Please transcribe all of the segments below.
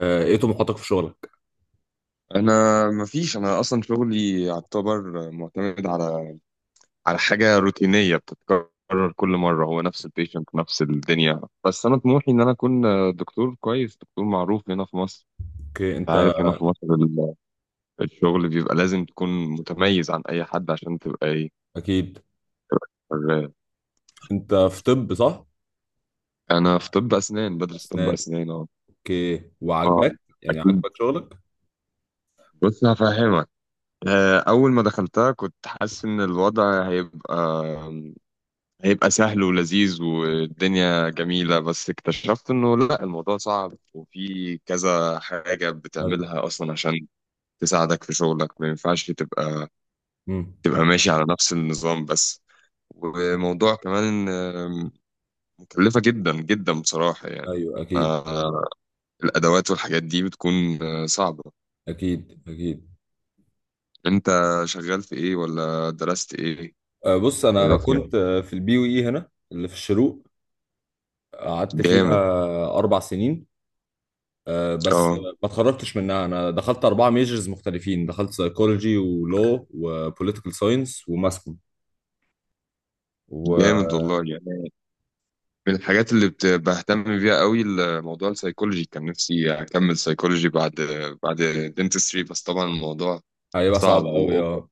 ايه طموحاتك في شغلك؟ انا مفيش، اصلا شغلي يعتبر معتمد على حاجه روتينيه بتتكرر كل مم. مره، هو نفس البيشنت نفس الدنيا، بس انا طموحي ان انا اكون دكتور كويس، دكتور معروف هنا في مصر. اوكي. انت انت عارف هنا في مصر الشغل بيبقى لازم تكون متميز عن اي حد عشان تبقى ايه، اكيد؟ شغال. انت في طب، صح؟ انا في طب اسنان، بدرس طب اسنان. اسنان. اه اوكي. اه وعاجباك؟ يعني اكيد. عاجبك شغلك؟ بص هفهمك. اول ما دخلتها كنت حاسس ان الوضع هيبقى سهل ولذيذ والدنيا جميلة، بس اكتشفت انه لا، الموضوع صعب وفي كذا حاجة ايوه. بتعملها اصلا عشان تساعدك في شغلك، ما ينفعش تبقى امم. ماشي على نفس النظام بس. وموضوع كمان مكلفة جدا جدا بصراحة يعني. ايوه اكيد. آه، الأدوات والحاجات دي بتكون صعبة. اكيد اكيد. انت شغال في ايه ولا درست ايه؟ بص، انا عرفني. كنت في البي يو اي هنا، اللي في الشروق. قعدت فيها جامد. اربع سنين. بس ما اه، اتخرجتش منها. انا دخلت اربعه ميجرز مختلفين، دخلت سايكولوجي، ولو وبوليتيكال ساينس وماسكوم. جامد وهيبقى والله يعني. من الحاجات بهتم بيها قوي الموضوع السيكولوجي. كان نفسي اكمل سيكولوجي بعد بعد دنتستري، بس طبعا الموضوع صعب صعب قوي، واوفر، اه.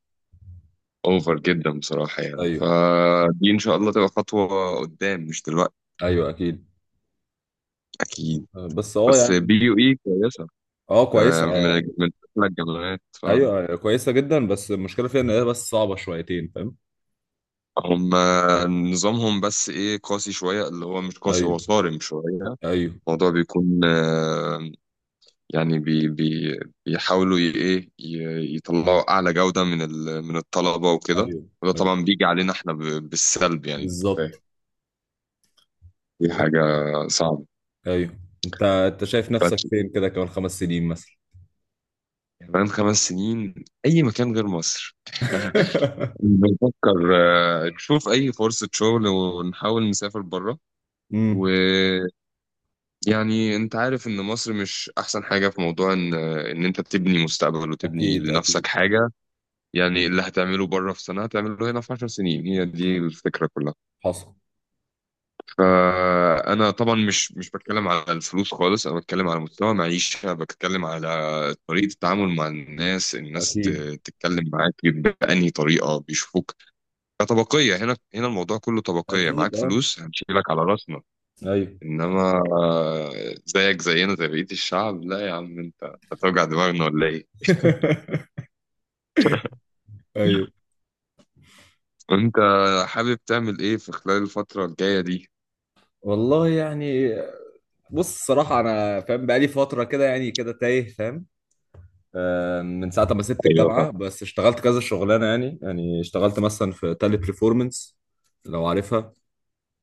أوفر جدا بصراحة يعني. ايوه فدي ان شاء الله تبقى خطوة قدام، مش دلوقتي. ايوه اكيد. اكيد. بس اه بس بي يعني. يو اي كويسة، اه ده كويسه، من أحلى الجامعات فعلا. ايوه كويسه جدا، بس المشكله فيها ان هي بس صعبه شويتين، فاهم؟ هم نظامهم بس ايه، قاسي شوية، اللي هو مش قاسي، ايوه. هو صارم شوية. ايوه. الموضوع بيكون يعني بي بي بيحاولوا يطلعوا اعلى جودة من من الطلبة وكده. ايوه. وده ايوه طبعا بيجي علينا احنا بالسلب يعني، انت فاهم. بالظبط. دي حاجة صعبة. ايوه. انت انت شايف نفسك بس فين كده كمان خمس سنين مثلا؟ كمان خمس سنين اي مكان غير مصر. بنفكر نشوف اي فرصة شغل ونحاول نسافر بره. امم. ويعني انت عارف ان مصر مش احسن حاجة في موضوع ان انت تبني مستقبل وتبني اكيد لنفسك اكيد. حاجة. يعني اللي هتعمله بره في سنة هتعمله هنا في 10 سنين، هي دي الفكرة كلها. حصل. فأنا طبعا مش بتكلم على الفلوس خالص، أنا بتكلم على مستوى معيشة، بتكلم على طريقة التعامل مع الناس. اكيد تتكلم معاك بأنهي طريقة، بيشوفوك كطبقية. هنا الموضوع كله طبقية، اكيد معاك اه. فلوس هنشيلك على راسنا، ايوه. إنما زيك زينا زي بقية الشعب، لا يا عم أنت هتوجع دماغنا ولا إيه؟ ايوه أنت حابب تعمل إيه في خلال الفترة الجاية دي؟ والله يعني. بص، الصراحه انا فاهم بقالي فتره كده، يعني كده تايه فاهم. من ساعة ما سبت ايوه، الجامعة بس اشتغلت كذا شغلانة، يعني يعني اشتغلت مثلا في تالي بريفورمانس، لو عارفها.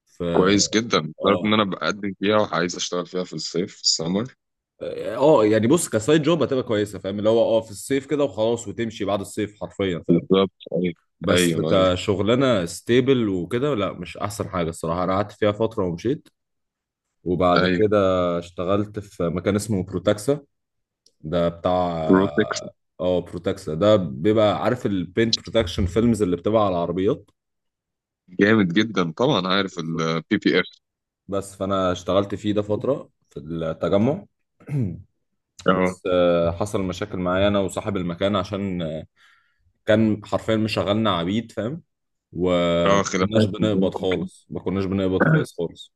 في كويس جدا، تعرف ان اه. انا بقدم فيها وعايز اشتغل فيها في الصيف، في السمر. اه يعني بص، كسايد جوب هتبقى كويسة فاهم، اللي هو اه في الصيف كده وخلاص وتمشي بعد الصيف حرفيا، فاهم؟ بالظبط، ايوه. بس ايوه. ايوه. كشغلانة ستيبل وكده، لا مش أحسن حاجة الصراحة. أنا قعدت فيها فترة ومشيت. وبعد ايوه. كده اشتغلت في مكان اسمه بروتاكسا. ده بتاع. بروتكس. اه بروتاكسا ده بيبقى، عارف البينت بروتكشن فيلمز اللي بتبقى على العربيات؟ جامد جدا، طبعا عارف البي بي اف. بس فانا اشتغلت فيه ده فتره في التجمع. اه. بس حصل مشاكل معايا انا وصاحب المكان، عشان كان حرفيا مشغلنا عبيد فاهم. وما اه، كناش خلافات ما بنقبض بينكم كده. خالص، ما كناش بنقبض كويس خالص.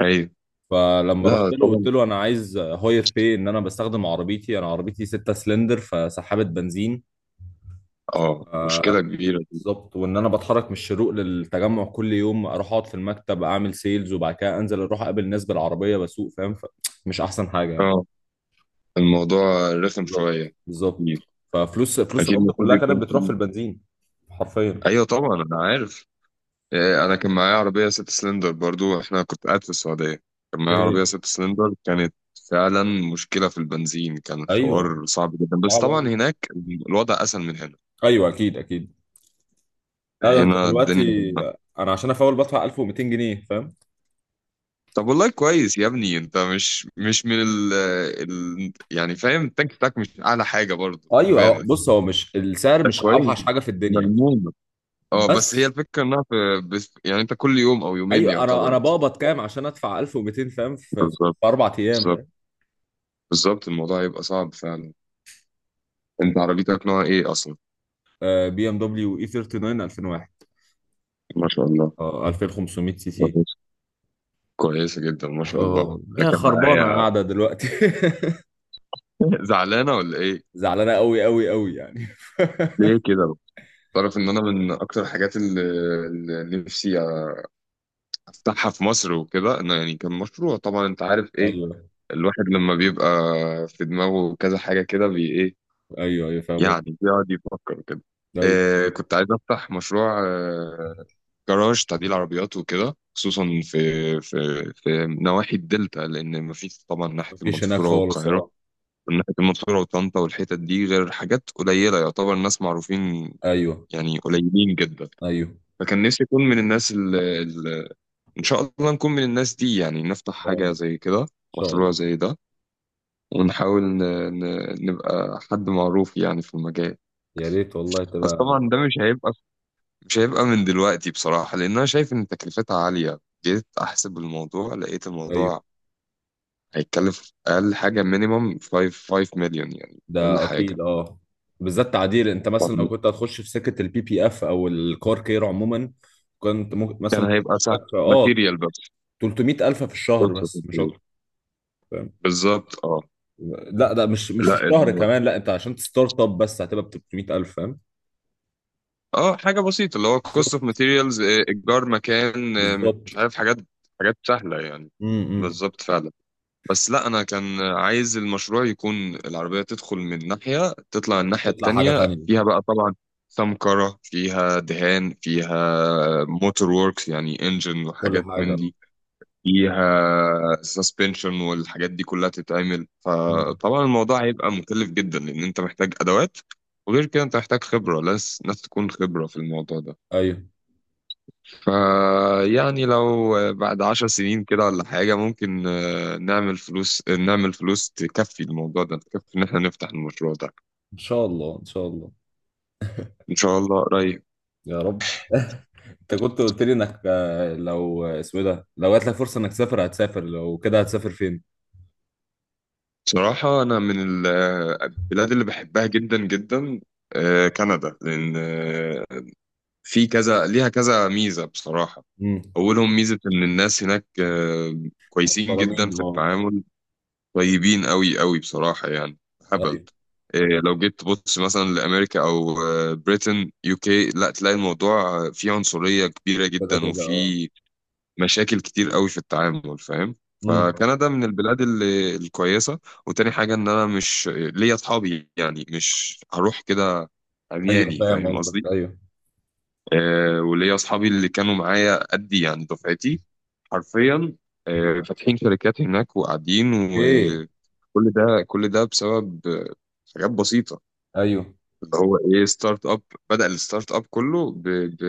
ايوه. فلما لا رحت له قلت طبعا. له انا عايز هاير باي، ان انا بستخدم عربيتي، انا عربيتي 6 سلندر، فسحابه بنزين. اه، آه، مشكله كبيره دي. بالظبط. وان انا بتحرك من الشروق للتجمع كل يوم، اروح اقعد في المكتب اعمل سيلز، وبعد كده انزل اروح اقابل ناس بالعربيه بسوق، فاهم؟ مش احسن حاجه يعني. اه، الموضوع رخم بالظبط شويه. بالظبط. اكيد. ففلوس اكيد، القبض المفروض كلها كانت يكون بتروح في فيه. البنزين. حرفيا. ايوه طبعا انا عارف. إيه، انا كان معايا عربيه ست سلندر برضو، احنا كنت قاعد في السعوديه، كان معايا عربيه اوكي. ست سلندر، كانت فعلا مشكله في البنزين، كان ايوه. الحوار صعب جدا، بس صعب طبعا أوي. هناك الوضع اسهل من هنا. ايوه اكيد اكيد. لا ده انت هنا دلوقتي. الدنيا. انا عشان افول بدفع 1200 جنيه فاهم. طب والله كويس يا ابني، انت مش من يعني فاهم، التانك بتاعك مش اعلى حاجه برضو، خد ايوه. بالك. بص، هو مش السعر ده مش كويس، اوحش حاجه في الدنيا. ملمومة. اه بس هي بس. الفكره انها في، بس يعني انت كل يوم او يومين ايوه انا يعتبر انا بتفعل. بقبض كام عشان ادفع 1200 فاهم؟ في, في, بالظبط في اربع ايام بالظبط فاهم. بالظبط، الموضوع هيبقى صعب فعلا. انت عربيتك نوع ايه اصلا؟ بي ام دبليو اي 39 2001. ما شاء الله. اه 2500 سي سي. كويس، كويسة جدا، ما شاء الله. اه ده هي كان خربانه معايا. قاعده دلوقتي. زعلانة ولا ايه؟ زعلانه قوي قوي قوي يعني. ليه كده؟ تعرف ان انا من اكتر الحاجات اللي نفسي افتحها في مصر وكده، انه يعني كان مشروع. طبعا انت عارف ايه، ايوه الواحد لما بيبقى في دماغه كذا حاجة كده بي ايه، ايوه. ايوه فاهم قصدك. يعني بيقعد يفكر كده. ايوه. إيه، كنت عايز افتح مشروع جراج تعديل عربيات وكده، خصوصا في في نواحي الدلتا، لان مفيش طبعا ناحية مفيش هناك المنصورة خالص والقاهرة، اه. من ناحية المنصورة وطنطا والحتت دي غير حاجات قليلة يعتبر، ناس معروفين ايوه. يعني، قليلين جدا. ايوه. فكان نفسي أكون من الناس اللي، إن شاء الله نكون من الناس دي، يعني نفتح حاجة ان زي كده، شاء مشروع الله. زي ده، ونحاول نبقى حد معروف يعني في المجال. يا ريت والله بس تبقى. طبعا ده مش هيبقى من دلوقتي بصراحة، لأن أنا شايف إن تكلفتها عالية. جيت أحسب الموضوع لقيت ايوه. الموضوع هيتكلف أقل حاجة مينيمم 5 5 مليون يعني أقل ده حاجة. اكيد اه. بالذات تعديل. انت مثلا لو كنت هتخش في سكه البي بي اف او الكار كير عموما، كنت ممكن كان مثلا ممكن هيبقى تخش سهل، لك في اه ماتيريال بس، 300 الف في الشهر كوست اوف بس مش ماتيريال. اكتر، فاهم؟ بالظبط اه. لا ده مش في لا الشهر كمان، لا انت عشان تستارت اب بس هتبقى ب 300 الف، فاهم؟ اه حاجه بسيطه، اللي هو كوست اوف بالظبط. ماتيريالز، ايجار مكان، مش بالظبط. عارف، حاجات، حاجات سهله يعني. امم. بالظبط فعلا. بس لا انا كان عايز المشروع يكون العربيه تدخل من ناحيه تطلع الناحيه تطلع حاجه التانيه، تانيه. فيها بقى طبعا سمكرة، فيها دهان، فيها موتور ووركس يعني انجن كل وحاجات حاجه من آه. دي، فيها سسبنشن والحاجات دي كلها تتعمل. امم. فطبعا الموضوع هيبقى مكلف جدا، لان انت محتاج ادوات، وغير كده انت محتاج خبرة، ناس تكون خبرة في الموضوع ده. ايوه فيعني لو بعد عشر سنين كده ولا حاجة، ممكن نعمل فلوس، نعمل فلوس تكفي الموضوع ده، تكفي ان احنا نفتح المشروع ده. ان شاء الله، ان شاء الله. ان شاء الله قريب. يا رب. انت كنت قلت لي انك لو اسمه إيه ده، لو جات لك فرصه انك تسافر هتسافر، لو كده هتسافر فين؟ بصراحة أنا من البلاد اللي بحبها جدا جدا كندا، لأن في كذا، ليها كذا ميزة بصراحة. امم. أولهم ميزة إن الناس هناك كويسين محترمين جدا في اه. التعامل، طيبين أوي أوي بصراحة يعني، هبل. ايوه لو جيت تبص مثلا لأمريكا أو بريتن يو كي، لا تلاقي الموضوع فيه عنصرية كبيرة كده جدا، كده اه. وفيه مشاكل كتير أوي في التعامل، فاهم؟ امم. فكندا من البلاد اللي الكويسة. وتاني حاجة إن أنا مش ليا أصحابي، يعني مش هروح كده ايوه عمياني فاهم فاهم قصدك قصدي. ايوه. وليا اصحابي اللي كانوا معايا قدي يعني دفعتي، حرفيا فاتحين شركات هناك وقاعدين، ايه. وكل ده كل ده بسبب حاجات بسيطة، ايوه اللي هو ايه، ستارت اب. بدأ الستارت اب كله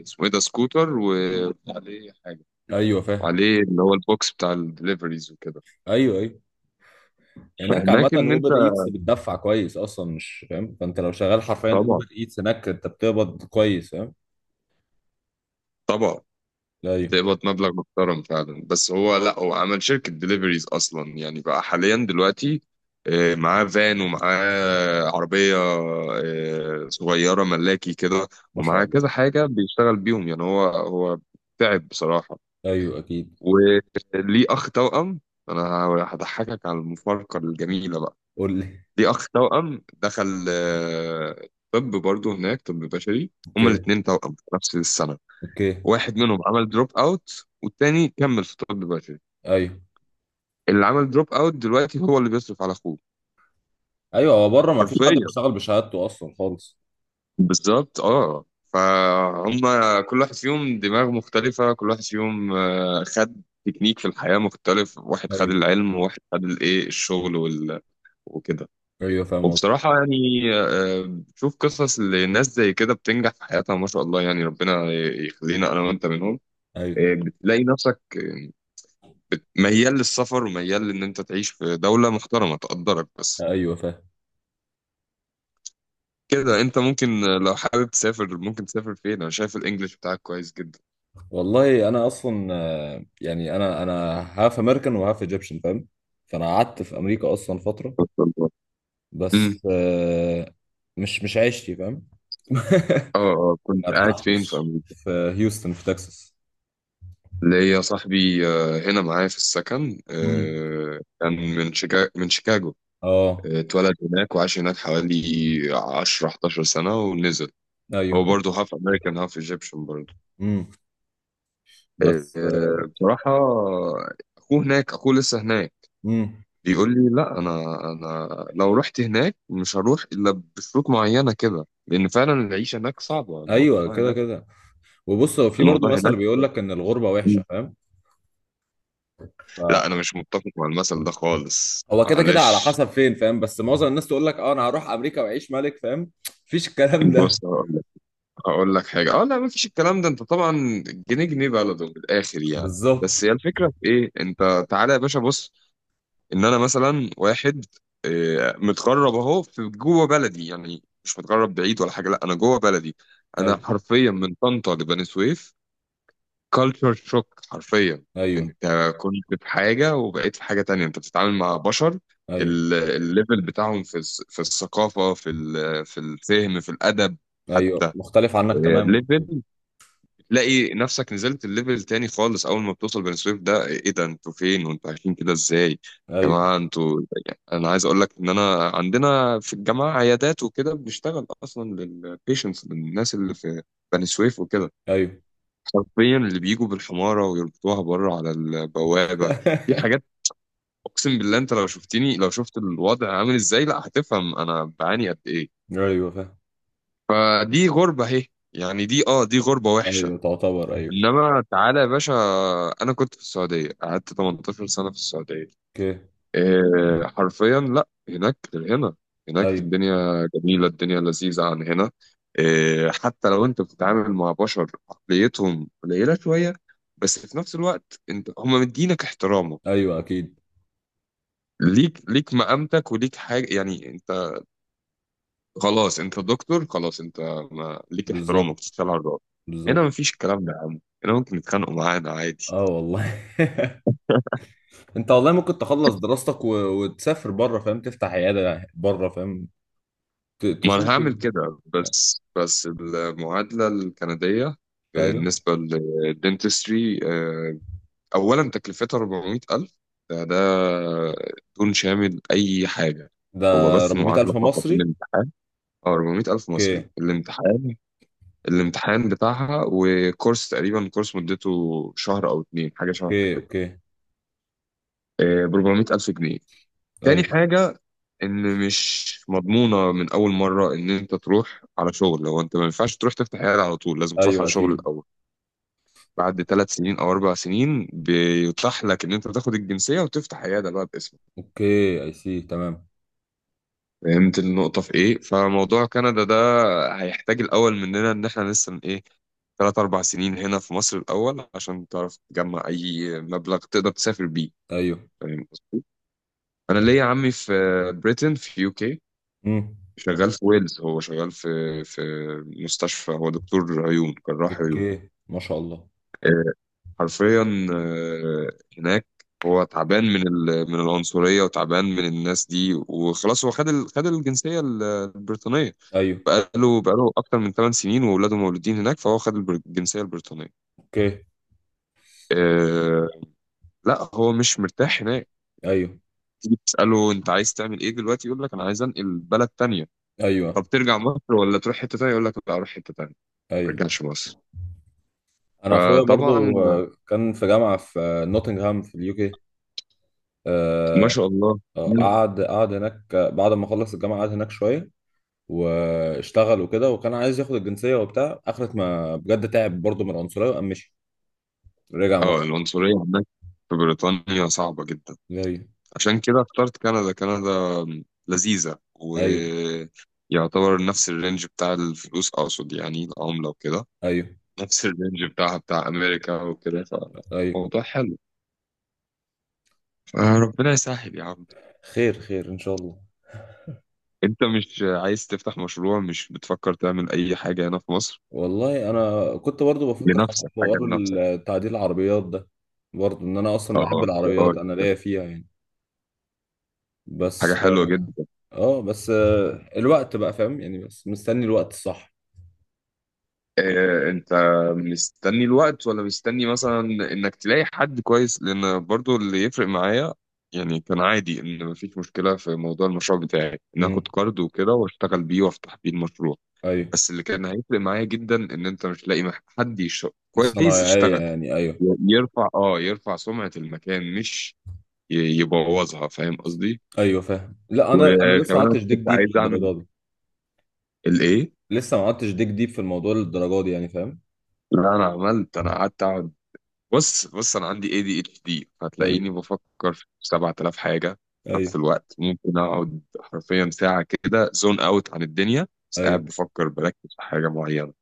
اسمه ايه ده، سكوتر وعليه حاجة، ايوه فاهم. وعليه اللي هو البوكس بتاع الدليفريز وكده. ايوه. ايوه. هناك عامة فهناك ان انت اوبر ايتس بتدفع كويس اصلا، مش فاهم، فانت لو شغال حرفيا طبعا، اوبر ايتس هناك انت بتقبض كويس، فاهم؟ طبعا ايوه. بتقبض مبلغ محترم فعلا، بس هو لا، هو عمل شركة دليفريز أصلا يعني بقى حاليا دلوقتي، معاه فان ومعاه عربية صغيرة ملاكي كده، ما شاء ومعاه كذا الله. حاجة بيشتغل بيهم يعني. هو تعب بصراحة. ايوه اكيد. وليه أخ توأم. أنا هضحكك على المفارقة الجميلة بقى. قول لي. ليه أخ توأم دخل طب برضه هناك، طب بشري. هما اوكي. الاتنين توأم في نفس السنة، اوكي. واحد منهم عمل دروب اوت والتاني كمل في طب بشري. ايوه. اللي عمل دروب اوت دلوقتي هو اللي بيصرف على اخوه، ايوه. هو بره ما فيش حد حرفيا. بيشتغل بشهادته اصلا خالص. بالظبط اه فهم. كل واحد فيهم دماغ مختلفة، كل واحد فيهم خد تكنيك في الحياة مختلف، واحد خد ايوه. العلم وواحد خد الايه، الشغل وكده. ايوه فاهم قصدك. وبصراحة يعني بشوف قصص لناس زي كده بتنجح في حياتها، ما شاء الله يعني، ربنا يخلينا انا وانت منهم. ايوه. بتلاقي نفسك ميال للسفر، وميال ان انت تعيش في دولة محترمة تقدرك بس ايوه فاهم. كده. انت ممكن لو حابب تسافر ممكن تسافر فين؟ انا شايف الانجليش بتاعك كويس جدا، والله انا اصلا يعني انا انا هاف امريكان وهاف ايجيبشن، فاهم؟ فانا قعدت في امريكا اصلا فتره. ما شاء الله. امم. بس مش عيشتي فاهم. اه، اه، ما كنت قاعد فين في ارتحتش امريكا؟ في. هيوستن في تكساس. ليا صاحبي هنا معايا في السكن، مم. كان من شيكاغو، من شيكاغو، اه. اتولد هناك وعاش هناك حوالي 10 11 سنة ونزل. ايوه. هو برضه هاف امريكان هاف ايجيبشن برضه. امم. بس. بصراحة اخوه هناك، اخوه لسه هناك، امم. بيقول لي لا انا لو رحت هناك مش هروح الا بشروط معينه كده، لان فعلا العيشه هناك صعبه. ايوه كده كده. وبص هو في الموضوع برضه مثل هناك، بيقول لك ان الغربه وحشه فاهم. لا انا مش متفق مع المثل ده خالص، هو كده كده على معلش. حسب فين فاهم، بس معظم الناس تقول لك اه انا هروح امريكا واعيش ملك فاهم. مفيش الكلام ده. بص هقول لك، هقول لك حاجه، اه، لا ما فيش الكلام ده. انت طبعا جنيه جنيه بلده من الاخر يعني، بالظبط. بس هي الفكره في ايه، انت تعالى يا باشا بص، ان انا مثلا واحد متغرب اهو في جوه بلدي، يعني مش متغرب بعيد ولا حاجه، لا انا جوه بلدي. انا ايوه. حرفيا من طنطا لبني سويف، كالتشر شوك حرفيا. ايوه. انت كنت في حاجة وبقيت في حاجة تانية، انت بتتعامل مع بشر ايوه. الليفل بتاعهم في في الثقافة في في الفهم في الأدب ايوه حتى، مختلف عنك تماما. ليفل. تلاقي نفسك نزلت الليفل تاني خالص. أول ما بتوصل بني سويف، ده ايه ده، انتوا فين وانتوا عايشين كده ازاي يا ايوه. جماعة انتوا؟ يعني أنا عايز أقول لك إن أنا عندنا في الجامعة عيادات وكده، بنشتغل أصلا للبيشنتس للناس اللي في بني سويف وكده، ايوه. حرفيا اللي بيجوا بالحمارة ويربطوها بره على البوابة. دي حاجات، أقسم بالله أنت لو شفتني، لو شفت الوضع عامل إزاي لا هتفهم أنا بعاني قد إيه. ايوه. فاهم. فدي غربة أهي، يعني دي آه دي غربة وحشة. ايوه تعتبر ايوه. إنما تعالى يا باشا، أنا كنت في السعودية، قعدت 18 سنة في السعودية، اوكي. إيه، حرفيا لا هناك غير هنا، هناك ايوه. الدنيا جميلة، الدنيا لذيذة عن هنا، إيه. حتى لو انت بتتعامل مع بشر عقليتهم قليلة شوية، بس في نفس الوقت انت هم مدينك احترامه، ايوه اكيد. ليك مقامتك وليك حاجة يعني. انت خلاص انت دكتور، خلاص انت ما ليك احترامك، بالظبط تشتغل على الراجل. هنا بالظبط. مفيش الكلام ده يا عم، هنا ممكن يتخانقوا معانا عادي. اه والله. انت والله ممكن تخلص دراستك وتسافر بره فاهم، تفتح عياده بره فاهم، ما انا تشوف هعمل يعني. كده، بس المعادله الكنديه ايوه. بالنسبه للدنتستري اولا تكلفتها 400,000، ده ده دون شامل اي حاجه، هو ده بس 400 المعادله الف فقط، مصري. الامتحان. اه 400,000 مصري، اوكي. الامتحان، الامتحان بتاعها وكورس تقريبا، كورس مدته شهر او اتنين حاجه، شهر اوكي. كده، اوكي. ب 400,000 جنيه. تاني ايوه. حاجة إن مش مضمونة من أول مرة إن أنت تروح على شغل، لو أنت ما ينفعش تروح تفتح عيادة على طول، لازم تروح على ايوه شغل اكيد. الأول. بعد ثلاث سنين أو أربع سنين بيتاح لك إن أنت تاخد الجنسية وتفتح عيادة بقى باسمك. اوكي اي سي تمام. فهمت النقطة في إيه؟ فموضوع كندا ده هيحتاج الأول مننا إن إحنا لسه إيه، ثلاث أربع سنين هنا في مصر الأول عشان تعرف تجمع أي مبلغ تقدر تسافر بيه، ايوه. فاهم قصدي؟ أنا ليا عمي في بريتن، في يو كي، امم. شغال في ويلز، هو شغال في مستشفى، هو دكتور عيون، جراح عيون، اوكي ما شاء الله. حرفيا هناك. هو تعبان من العنصرية وتعبان من الناس دي، وخلاص هو خد خد الجنسية البريطانية ايوه. بقاله أكتر من 8 سنين وولاده مولودين هناك فهو خد الجنسية البريطانية. اوكي. آه، لا هو مش مرتاح هناك. ايوه. تيجي تسأله أنت عايز تعمل إيه دلوقتي، يقول لك أنا عايز أنقل بلد تانية. طب ايوه. ترجع مصر ولا تروح حتة تانية؟ يقول لك لا، أروح حتة تانية، ما ايوه. أرجعش مصر. انا اخويا فطبعا برضو كان في جامعه في نوتنغهام في اليو كي. ما آه، شاء الله. مم. قعد هناك، بعد ما خلص الجامعه قعد هناك شويه واشتغل وكده، وكان عايز ياخد الجنسيه وبتاع، اخرت ما بجد تعب برضو من العنصريه وقام مشي، رجع اه، مصر. العنصرية عندك في بريطانيا صعبة جدا. ايوه. عشان كده اخترت كندا. كندا لذيذة، ايوه. ويعتبر نفس الرينج بتاع الفلوس، أقصد يعني العملة وكده. ايوه. نفس الرينج بتاعها بتاع أمريكا وكده، ايوه. فموضوع حلو. فربنا يسهل يا عم. خير خير ان شاء الله. أنت مش عايز تفتح مشروع؟ مش بتفكر تعمل أي حاجة هنا في مصر والله انا كنت برضو بفكر في لنفسك؟ حاجة حوار لنفسك. تعديل العربيات ده، برضو ان انا اصلا بحب اه يا العربيات، انا راجل، ليا فيها يعني. حاجة بس. حلوة جدا. اه بس الوقت بقى فاهم، يعني بس مستني الوقت الصح. انت مستني الوقت ولا مستني مثلا انك تلاقي حد كويس؟ لان برضو اللي يفرق معايا، يعني كان عادي ان مفيش مشكلة في موضوع المشروع بتاعي ان اخد امم. كارد وكده واشتغل بيه وافتح بيه المشروع. ايوه. بس اللي كان هيفرق معايا جدا ان انت مش لاقي حد بس انا كويس يعني يشتغل، يعني ايوه. يرفع سمعة المكان، مش يبوظها. فاهم قصدي؟ ايوه فاهم. لا انا انا لسه ما كمان أنا عدتش ديك كنت ديب عايز اعمل للدرجه دي. الايه. لسه ما عدتش ديك ديب في الموضوع للدرجه دي يعني فاهم. لا انا عملت، انا قعدت اقعد. بص بص، انا عندي ADHD، ايوه. هتلاقيني بفكر في 7,000 حاجه في نفس ايوه. الوقت. ممكن اقعد حرفيا ساعه كده زون اوت عن الدنيا، بس ايوه. قاعد بفكر، بركز في حاجه معينه.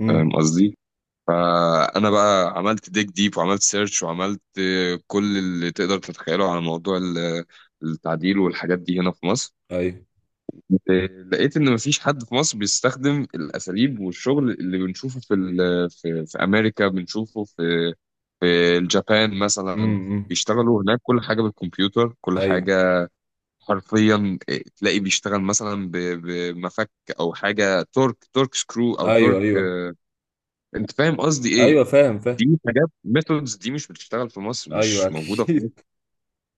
امم. فاهم قصدي؟ فانا بقى عملت ديك ديب وعملت سيرش وعملت كل اللي تقدر تتخيله على موضوع التعديل والحاجات دي هنا في مصر. ايوه. لقيت ان مفيش حد في مصر بيستخدم الاساليب والشغل اللي بنشوفه في في امريكا، بنشوفه في في اليابان مثلا. امم. بيشتغلوا هناك كل حاجه بالكمبيوتر، كل ايوه. حاجه حرفيا. إيه، تلاقي بيشتغل مثلا بمفك او حاجه تورك تورك سكرو او ايوه. تورك، ايوه. انت فاهم قصدي ايه؟ ايوه فاهم فاهم. دي حاجات، ميثودز دي مش بتشتغل في مصر، ايوه مش موجوده في. اكيد.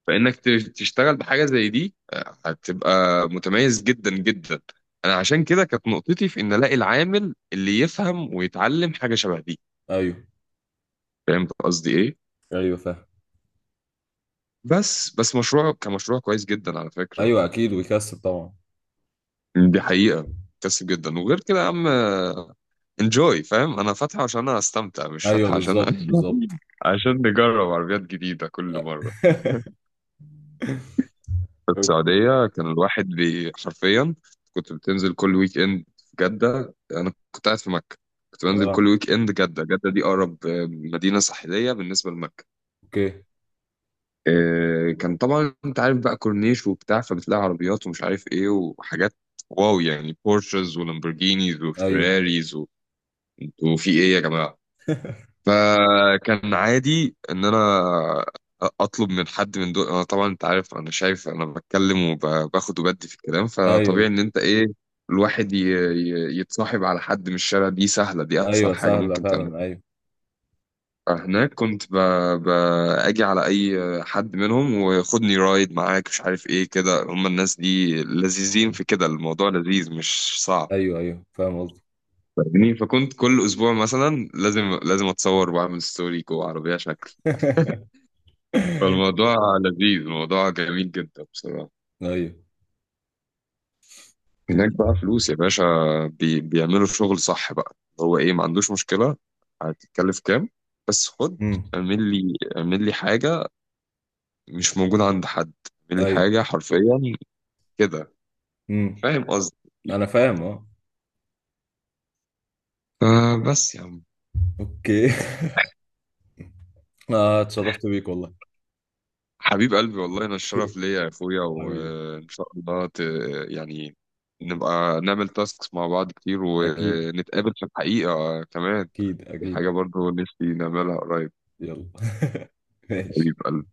فانك تشتغل بحاجه زي دي، هتبقى متميز جدا جدا. انا عشان كده كانت نقطتي في ان الاقي العامل اللي يفهم ويتعلم حاجه شبه دي. ايوه. فاهم قصدي ايه؟ ايوه فاهم. بس مشروع كمشروع كويس جدا على فكره. ايوه اكيد، ويكسب طبعا. دي حقيقه، كسب جدا. وغير كده يا عم، انجوي، فاهم؟ انا فاتحه عشان انا استمتع، مش ايوه فاتحه عشان بالظبط بالظبط. عشان نجرب عربيات جديده كل مره. في السعودية كان الواحد حرفيا، كنت بتنزل كل ويك اند في جدة، أنا كنت قاعد في مكة. كنت بنزل كل آه. ويك اند جدة. جدة دي أقرب مدينة ساحلية بالنسبة لمكة. اوكي. كان طبعا أنت عارف بقى، كورنيش وبتاع، فبتلاقي عربيات ومش عارف إيه وحاجات، واو يعني، بورشز ولامبورجينيز ايوه. وفيراريز و... انتوا في إيه يا جماعة؟ فكان عادي ان انا اطلب من حد من دول. انا طبعا انت عارف، انا شايف، انا بتكلم وباخد وبدي في الكلام، ايوه. فطبيعي ايوه. ان انت ايه، الواحد يتصاحب على حد من الشارع. دي سهله، دي اسهل ايوه حاجه سهله ممكن تعملها. فعلا ايوه. فهناك كنت ب... اجي على اي حد منهم، وخدني رايد معاك مش عارف ايه كده. هم الناس دي لذيذين مم. في كده، الموضوع لذيذ مش صعب، ايوه ايوه فاهم قصدي. فاهمني؟ فكنت كل اسبوع مثلا لازم لازم اتصور واعمل ستوري جوه عربيه شكل. فالموضوع لذيذ، الموضوع جميل جدا بصراحة. ايوه. هناك بقى فلوس يا باشا، بيعملوا الشغل صح. بقى هو ايه، ما عندوش مشكلة، هتتكلف كام بس خد، امم. اعمل لي حاجة مش موجودة عند حد، اعمل لي ايوه. حاجة حرفيا كده، امم. فاهم قصدي؟ انا فاهم اه. بس يا عم. اوكي. آه اتشرفت بيك والله. حبيب قلبي والله، انا الشرف أوكي. ليا يا اخويا، حبيبي. وان شاء الله يعني نبقى نعمل تاسكس مع بعض كتير، اكيد. ونتقابل في الحقيقة كمان. اكيد دي اكيد. حاجة برضو نفسي نعملها قريب. يلا. ماشي. حبيب قلبي.